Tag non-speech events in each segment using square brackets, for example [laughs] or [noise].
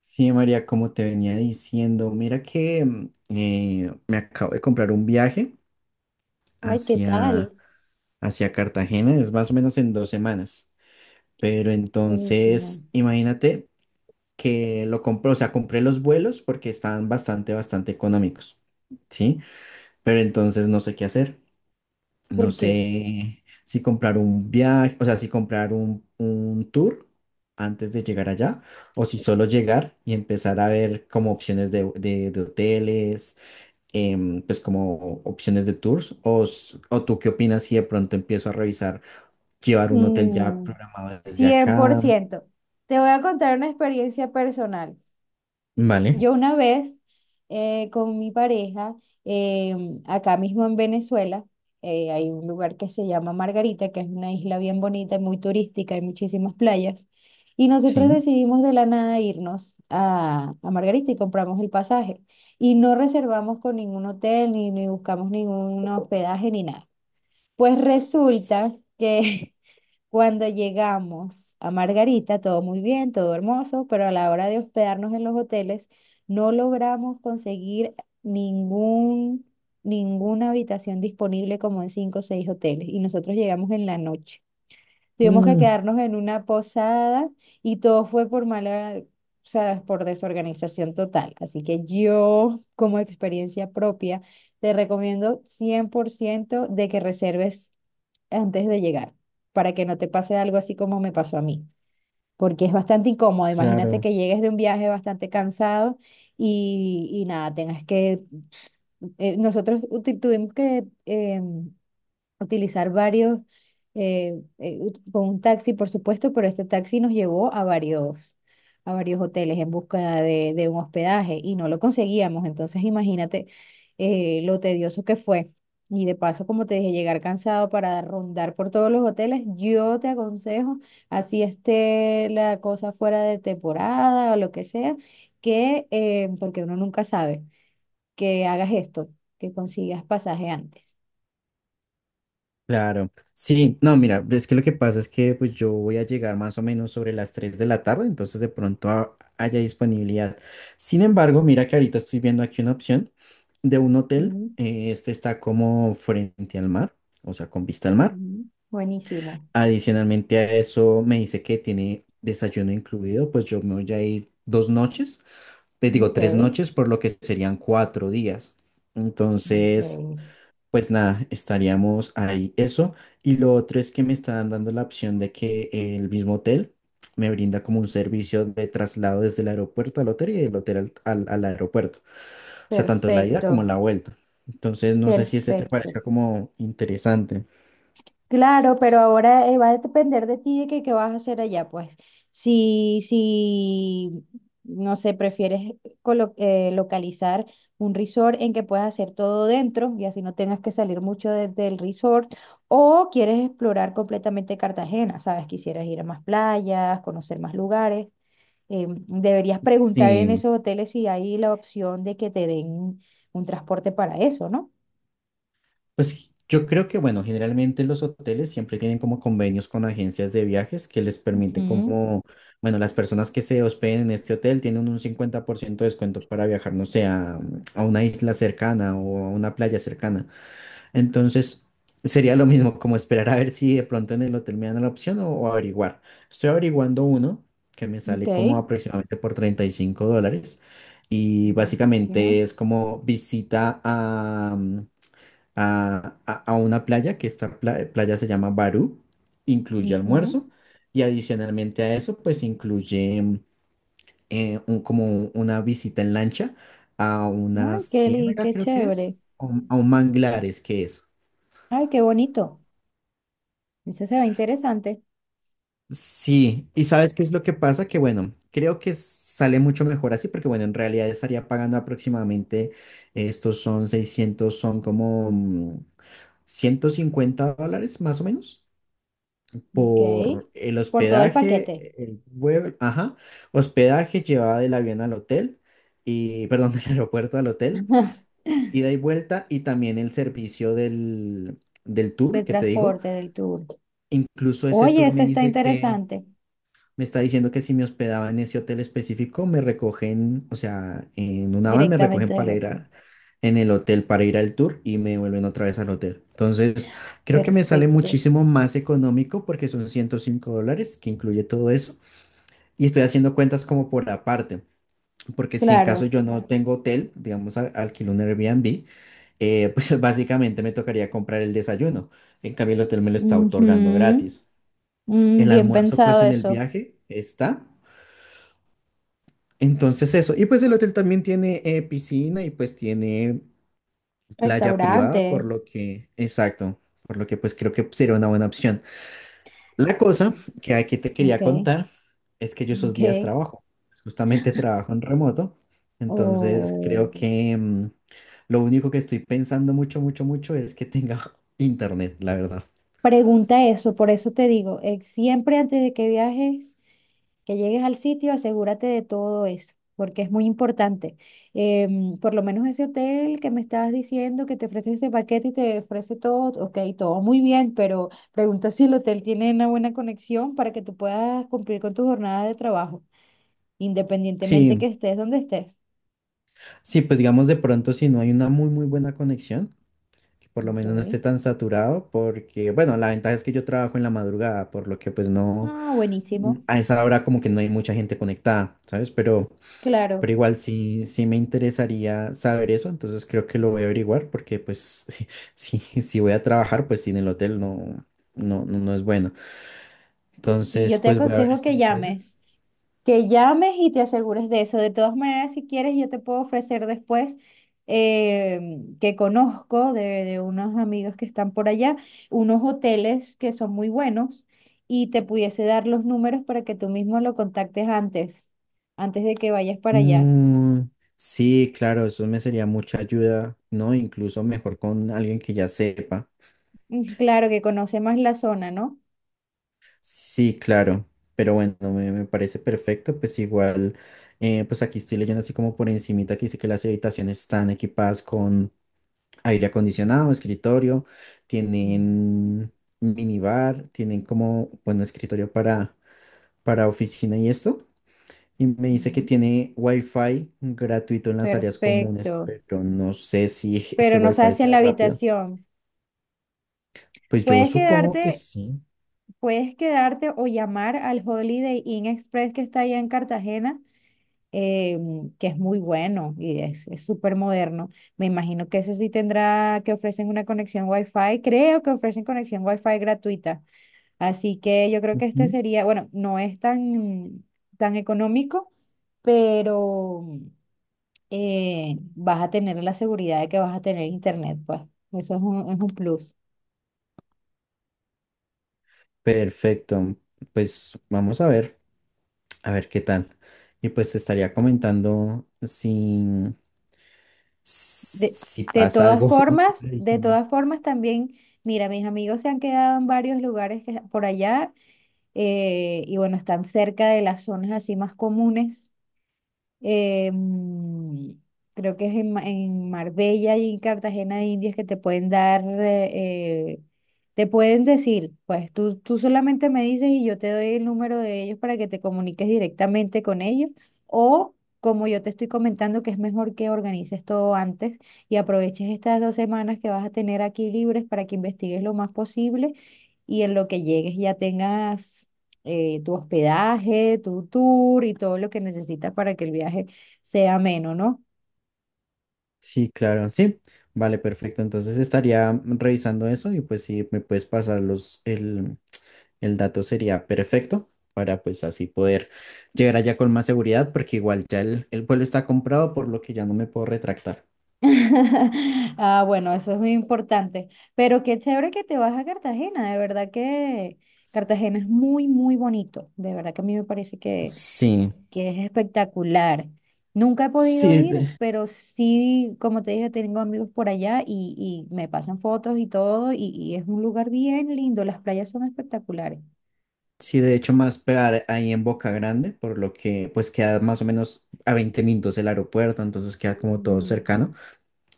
Sí, María, como te venía diciendo, mira que me acabo de comprar un viaje Ay, ¿qué hacia, tal? hacia Cartagena, es más o menos en 2 semanas, pero Buenísimo. entonces imagínate que lo compré, o sea, compré los vuelos porque estaban bastante, bastante económicos, ¿sí? Pero entonces no sé qué hacer. No ¿Por qué? sé si comprar un viaje, o sea, si comprar un tour antes de llegar allá, o si solo llegar y empezar a ver como opciones de hoteles, pues como opciones de tours, o tú qué opinas si de pronto empiezo a revisar, llevar un hotel ya Mm, programado desde cien por acá. ciento. Te voy a contar una experiencia personal. Vale, Yo una vez con mi pareja, eh, acá mismo en Venezuela, hay un lugar que se llama Margarita, que es una isla bien bonita y muy turística, hay muchísimas playas. Y nosotros sí. decidimos de la nada irnos a Margarita y compramos el pasaje. Y no reservamos con ningún hotel, ni buscamos ningún hospedaje, ni nada. Pues resulta que [laughs] cuando llegamos a Margarita, todo muy bien, todo hermoso, pero a la hora de hospedarnos en los hoteles, no logramos conseguir ningún, ninguna habitación disponible como en cinco o seis hoteles. Y nosotros llegamos en la noche. Tuvimos que Mm, quedarnos en una posada y todo fue por mala, o sea, por desorganización total. Así que yo, como experiencia propia, te recomiendo 100% de que reserves antes de llegar, para que no te pase algo así como me pasó a mí, porque es bastante incómodo. Imagínate claro. que llegues de un viaje bastante cansado y nada, tengas que, nosotros tuvimos que utilizar varios, con un taxi, por supuesto, pero este taxi nos llevó a varios hoteles en busca de un hospedaje y no lo conseguíamos. Entonces, imagínate lo tedioso que fue. Y de paso, como te dije, llegar cansado para rondar por todos los hoteles, yo te aconsejo, así esté la cosa fuera de temporada o lo que sea, que, porque uno nunca sabe, que hagas esto, que consigas pasaje antes. Claro, sí, no, mira, es que lo que pasa es que pues yo voy a llegar más o menos sobre las 3 de la tarde, entonces de pronto haya disponibilidad. Sin embargo, mira que ahorita estoy viendo aquí una opción de un hotel, este está como frente al mar, o sea, con vista al mar. Ujú. Buenísimo. Adicionalmente a eso me dice que tiene desayuno incluido, pues yo me voy a ir 2 noches, te digo Ok, 3 noches, por lo que serían 4 días. ok. Entonces... pues nada, estaríamos ahí eso. Y lo otro es que me están dando la opción de que el mismo hotel me brinda como un servicio de traslado desde el aeropuerto al hotel y del hotel al aeropuerto. O sea, tanto la ida Perfecto, como la vuelta. Entonces, no sé si ese te parezca perfecto. como interesante. Claro, pero ahora va a depender de ti de que qué vas a hacer allá, pues. Si, no sé, prefieres localizar un resort en que puedas hacer todo dentro y así no tengas que salir mucho del resort, o quieres explorar completamente Cartagena, sabes, quisieras ir a más playas, conocer más lugares. Deberías preguntar en Sí, esos hoteles si hay la opción de que te den un transporte para eso, ¿no? pues yo creo que, bueno, generalmente los hoteles siempre tienen como convenios con agencias de viajes que les permiten Ujú. como, bueno, las personas que se hospeden en este hotel tienen un 50% de descuento para viajar, no sé, a una isla cercana o a una playa cercana. Entonces, sería lo mismo como esperar a ver si de pronto en el hotel me dan la opción o averiguar. Estoy averiguando uno que me Ok. sale como aproximadamente por $35 y básicamente Buenísimo. es como visita a una playa, que esta playa se llama Barú, incluye Ujú. almuerzo y adicionalmente a eso, pues incluye como una visita en lancha a una Ay, ciénaga, qué creo que es, chévere. A un manglares, que es. Ay, qué bonito. Ese se ve interesante. Sí, y ¿sabes qué es lo que pasa? Que bueno, creo que sale mucho mejor así, porque bueno, en realidad estaría pagando aproximadamente, estos son 600, son como $150 más o menos, Ok. por el Por todo el hospedaje, paquete. el vuelo, ajá, hospedaje, llevada del avión al hotel, y, perdón, [laughs] del aeropuerto al hotel, [laughs] ida y vuelta, y también el servicio del Del tour que te digo. transporte, del tour. Incluso ese Oye, tour me eso está dice que interesante. me está diciendo que si me hospedaba en ese hotel específico, me recogen, o sea, en una van me Directamente recogen del para ir hotel. a, en el hotel para ir al tour y me vuelven otra vez al hotel. Entonces, creo que me sale Perfecto. muchísimo más económico porque son $105 que incluye todo eso y estoy haciendo cuentas como por aparte, porque si en caso Claro. yo no tengo hotel, digamos, alquilo un Airbnb, pues [laughs] básicamente me tocaría comprar el desayuno. En cambio, el hotel me lo está otorgando Ujú. gratis. Mm, El bien almuerzo, pensado pues en el eso. viaje está. Entonces eso, y pues el hotel también tiene, piscina y pues tiene playa privada, por Restaurante. lo que, exacto, por lo que pues creo que sería una buena opción. La cosa que aquí te quería Ok, contar es que yo esos ok. días trabajo, pues, justamente [laughs] trabajo en remoto, entonces creo O- que lo único que estoy pensando mucho, mucho, mucho es que tenga [laughs] internet, la verdad. Pregunta eso, por eso te digo, siempre antes de que viajes, que llegues al sitio, asegúrate de todo eso, porque es muy importante. Por lo menos ese hotel que me estabas diciendo que te ofrece ese paquete y te ofrece todo, ok, todo muy bien, pero pregunta si el hotel tiene una buena conexión para que tú puedas cumplir con tu jornada de trabajo, independientemente Sí, que estés donde estés. sí, pues digamos de pronto si no hay una muy, muy buena conexión, que por lo Ok. menos no esté tan saturado, porque, bueno, la ventaja es que yo trabajo en la madrugada, por lo que pues no, Ah, buenísimo. a esa hora como que no hay mucha gente conectada, ¿sabes? Pero Claro, igual sí, sí me interesaría saber eso, entonces creo que lo voy a averiguar, porque pues [laughs] si voy a trabajar, pues sin el hotel no, no, no, no es bueno. y Entonces, yo te pues voy a ver aconsejo este detalle. Que llames y te asegures de eso. De todas maneras, si quieres, yo te puedo ofrecer después eh, que conozco de unos amigos que están por allá, unos hoteles que son muy buenos y te pudiese dar los números para que tú mismo lo contactes antes, antes de que vayas para allá. Mm, sí, claro, eso me sería mucha ayuda, ¿no? Incluso mejor con alguien que ya sepa. Mm, claro que conoce más la zona, ¿no? Sí, claro, pero bueno, me parece perfecto, pues igual, pues aquí estoy leyendo así como por encimita que dice que las habitaciones están equipadas con aire acondicionado, escritorio, Ujú, tienen minibar, tienen como, bueno, escritorio para oficina y esto, y me dice que ujú. tiene wifi gratuito en las áreas comunes, Perfecto, pero no sé si [laughs] este pero no wifi sabes si en sea la rápido, habitación. pues yo Puedes supongo que quedarte. sí. Puedes quedarte o llamar al Holiday Inn Express que está allá en Cartagena, eh, que es muy bueno y es súper moderno. Me imagino que ese sí tendrá que ofrecen una conexión Wi-Fi. Creo que ofrecen conexión Wi-Fi gratuita. Así que yo creo que este Ujú. sería, bueno, no es tan, tan económico, pero vas a tener la seguridad de que vas a tener internet, pues. Eso es un plus. Perfecto, pues vamos a ver. A ver qué tal. Y pues te estaría comentando De, si de pasa todas algo [laughs] formas, de adicional. todas formas también, mira, mis amigos se han quedado en varios lugares que, por allá y bueno, están cerca de las zonas así más comunes, em, creo que es en, en Marbella y en Cartagena de Indias que te pueden dar, te pueden decir, pues tú solamente me dices y yo te doy el número de ellos para que te comuniques directamente con ellos o... Como yo te estoy comentando, que es mejor que organices todo antes y aproveches estas dos semanas que vas a tener aquí libres para que investigues lo más posible y en lo que llegues ya tengas tu hospedaje, tu tour y todo lo que necesitas para que el viaje sea ameno, ¿no? Sí, claro, sí. Vale, perfecto. Entonces estaría revisando eso y pues si me puedes pasar el dato sería perfecto para pues así poder llegar allá con más seguridad porque igual ya el vuelo está comprado por lo que ya no me puedo retractar. [laughs] Ah, bueno, eso es muy importante. Pero qué chévere que te vas a Cartagena, de verdad que Cartagena es muy, muy bonito, de verdad que a mí me parece Sí, que es espectacular. Nunca he podido sí, ir, pero sí, como te dije, tengo amigos por allá y me pasan fotos y todo, y es un lugar bien lindo, las playas son espectaculares. sí, de hecho, más pegar ahí en Boca Grande, por lo que pues queda más o menos a 20 minutos el aeropuerto, entonces queda como todo Mm, cercano.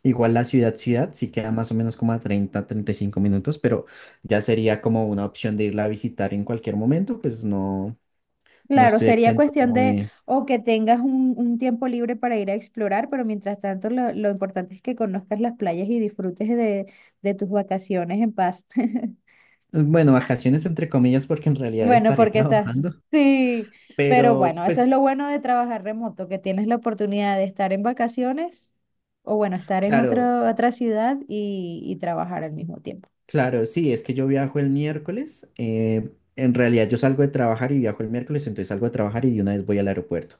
Igual la ciudad, ciudad, sí queda más o menos como a 30, 35 minutos, pero ya sería como una opción de irla a visitar en cualquier momento, pues no, no claro, estoy sería exento cuestión como de de, o que tengas un tiempo libre para ir a explorar, pero mientras tanto lo importante es que conozcas las playas y disfrutes de tus vacaciones en paz. [laughs] bueno, vacaciones entre comillas, porque en realidad Bueno, estaré [laughs] porque estás, trabajando, sí, pero pero bueno, eso es lo pues bueno de trabajar remoto, que tienes la oportunidad de estar en vacaciones o bueno, estar en claro, otra otra ciudad y trabajar al mismo tiempo. claro, sí, es que yo viajo el miércoles. En realidad yo salgo de trabajar y viajo el miércoles, entonces salgo de trabajar y de una vez voy al aeropuerto.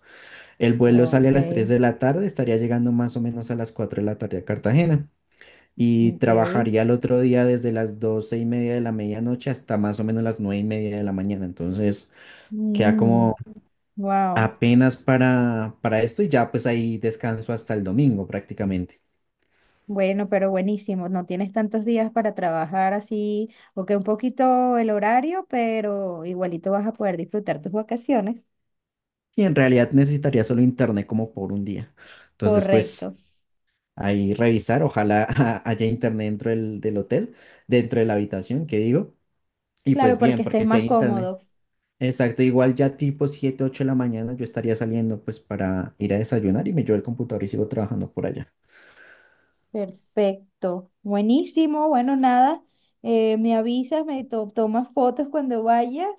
El vuelo sale a Ok, las 3 de la tarde, estaría llegando más o menos a las 4 de la tarde a Cartagena y ok. trabajaría el otro día desde las 12:30 de la medianoche hasta más o menos las 9:30 de la mañana. Entonces queda Mm, como wow. apenas para esto y ya pues ahí descanso hasta el domingo prácticamente. Bueno, pero buenísimo. No tienes tantos días para trabajar así, o que un poquito el horario, pero igualito vas a poder disfrutar tus vacaciones. Y en realidad necesitaría solo internet como por un día. Entonces pues... Correcto. ahí revisar, ojalá [laughs] haya internet dentro del hotel, dentro de la habitación, que digo, y Claro, pues bien, porque estés porque si hay más internet. cómodo. Exacto, igual ya tipo 7, 8 de la mañana yo estaría saliendo pues para ir a desayunar y me llevo el computador y sigo trabajando por allá. Perfecto. Buenísimo. Bueno, nada. Me avisas, tomas fotos cuando vayas.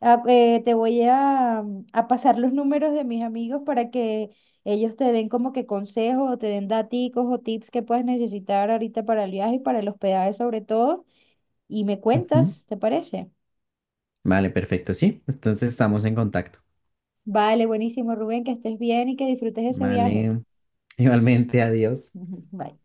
Ah, te voy a pasar los números de mis amigos para que ellos te den como que consejos o te den daticos o tips que puedas necesitar ahorita para el viaje y para el hospedaje sobre todo. Y me Ujú. cuentas, ¿te parece? Vale, perfecto, sí, entonces estamos en contacto. Vale, buenísimo, Rubén, que estés bien y que disfrutes ese viaje. Vale, [laughs] igualmente, adiós. [laughs] Bye.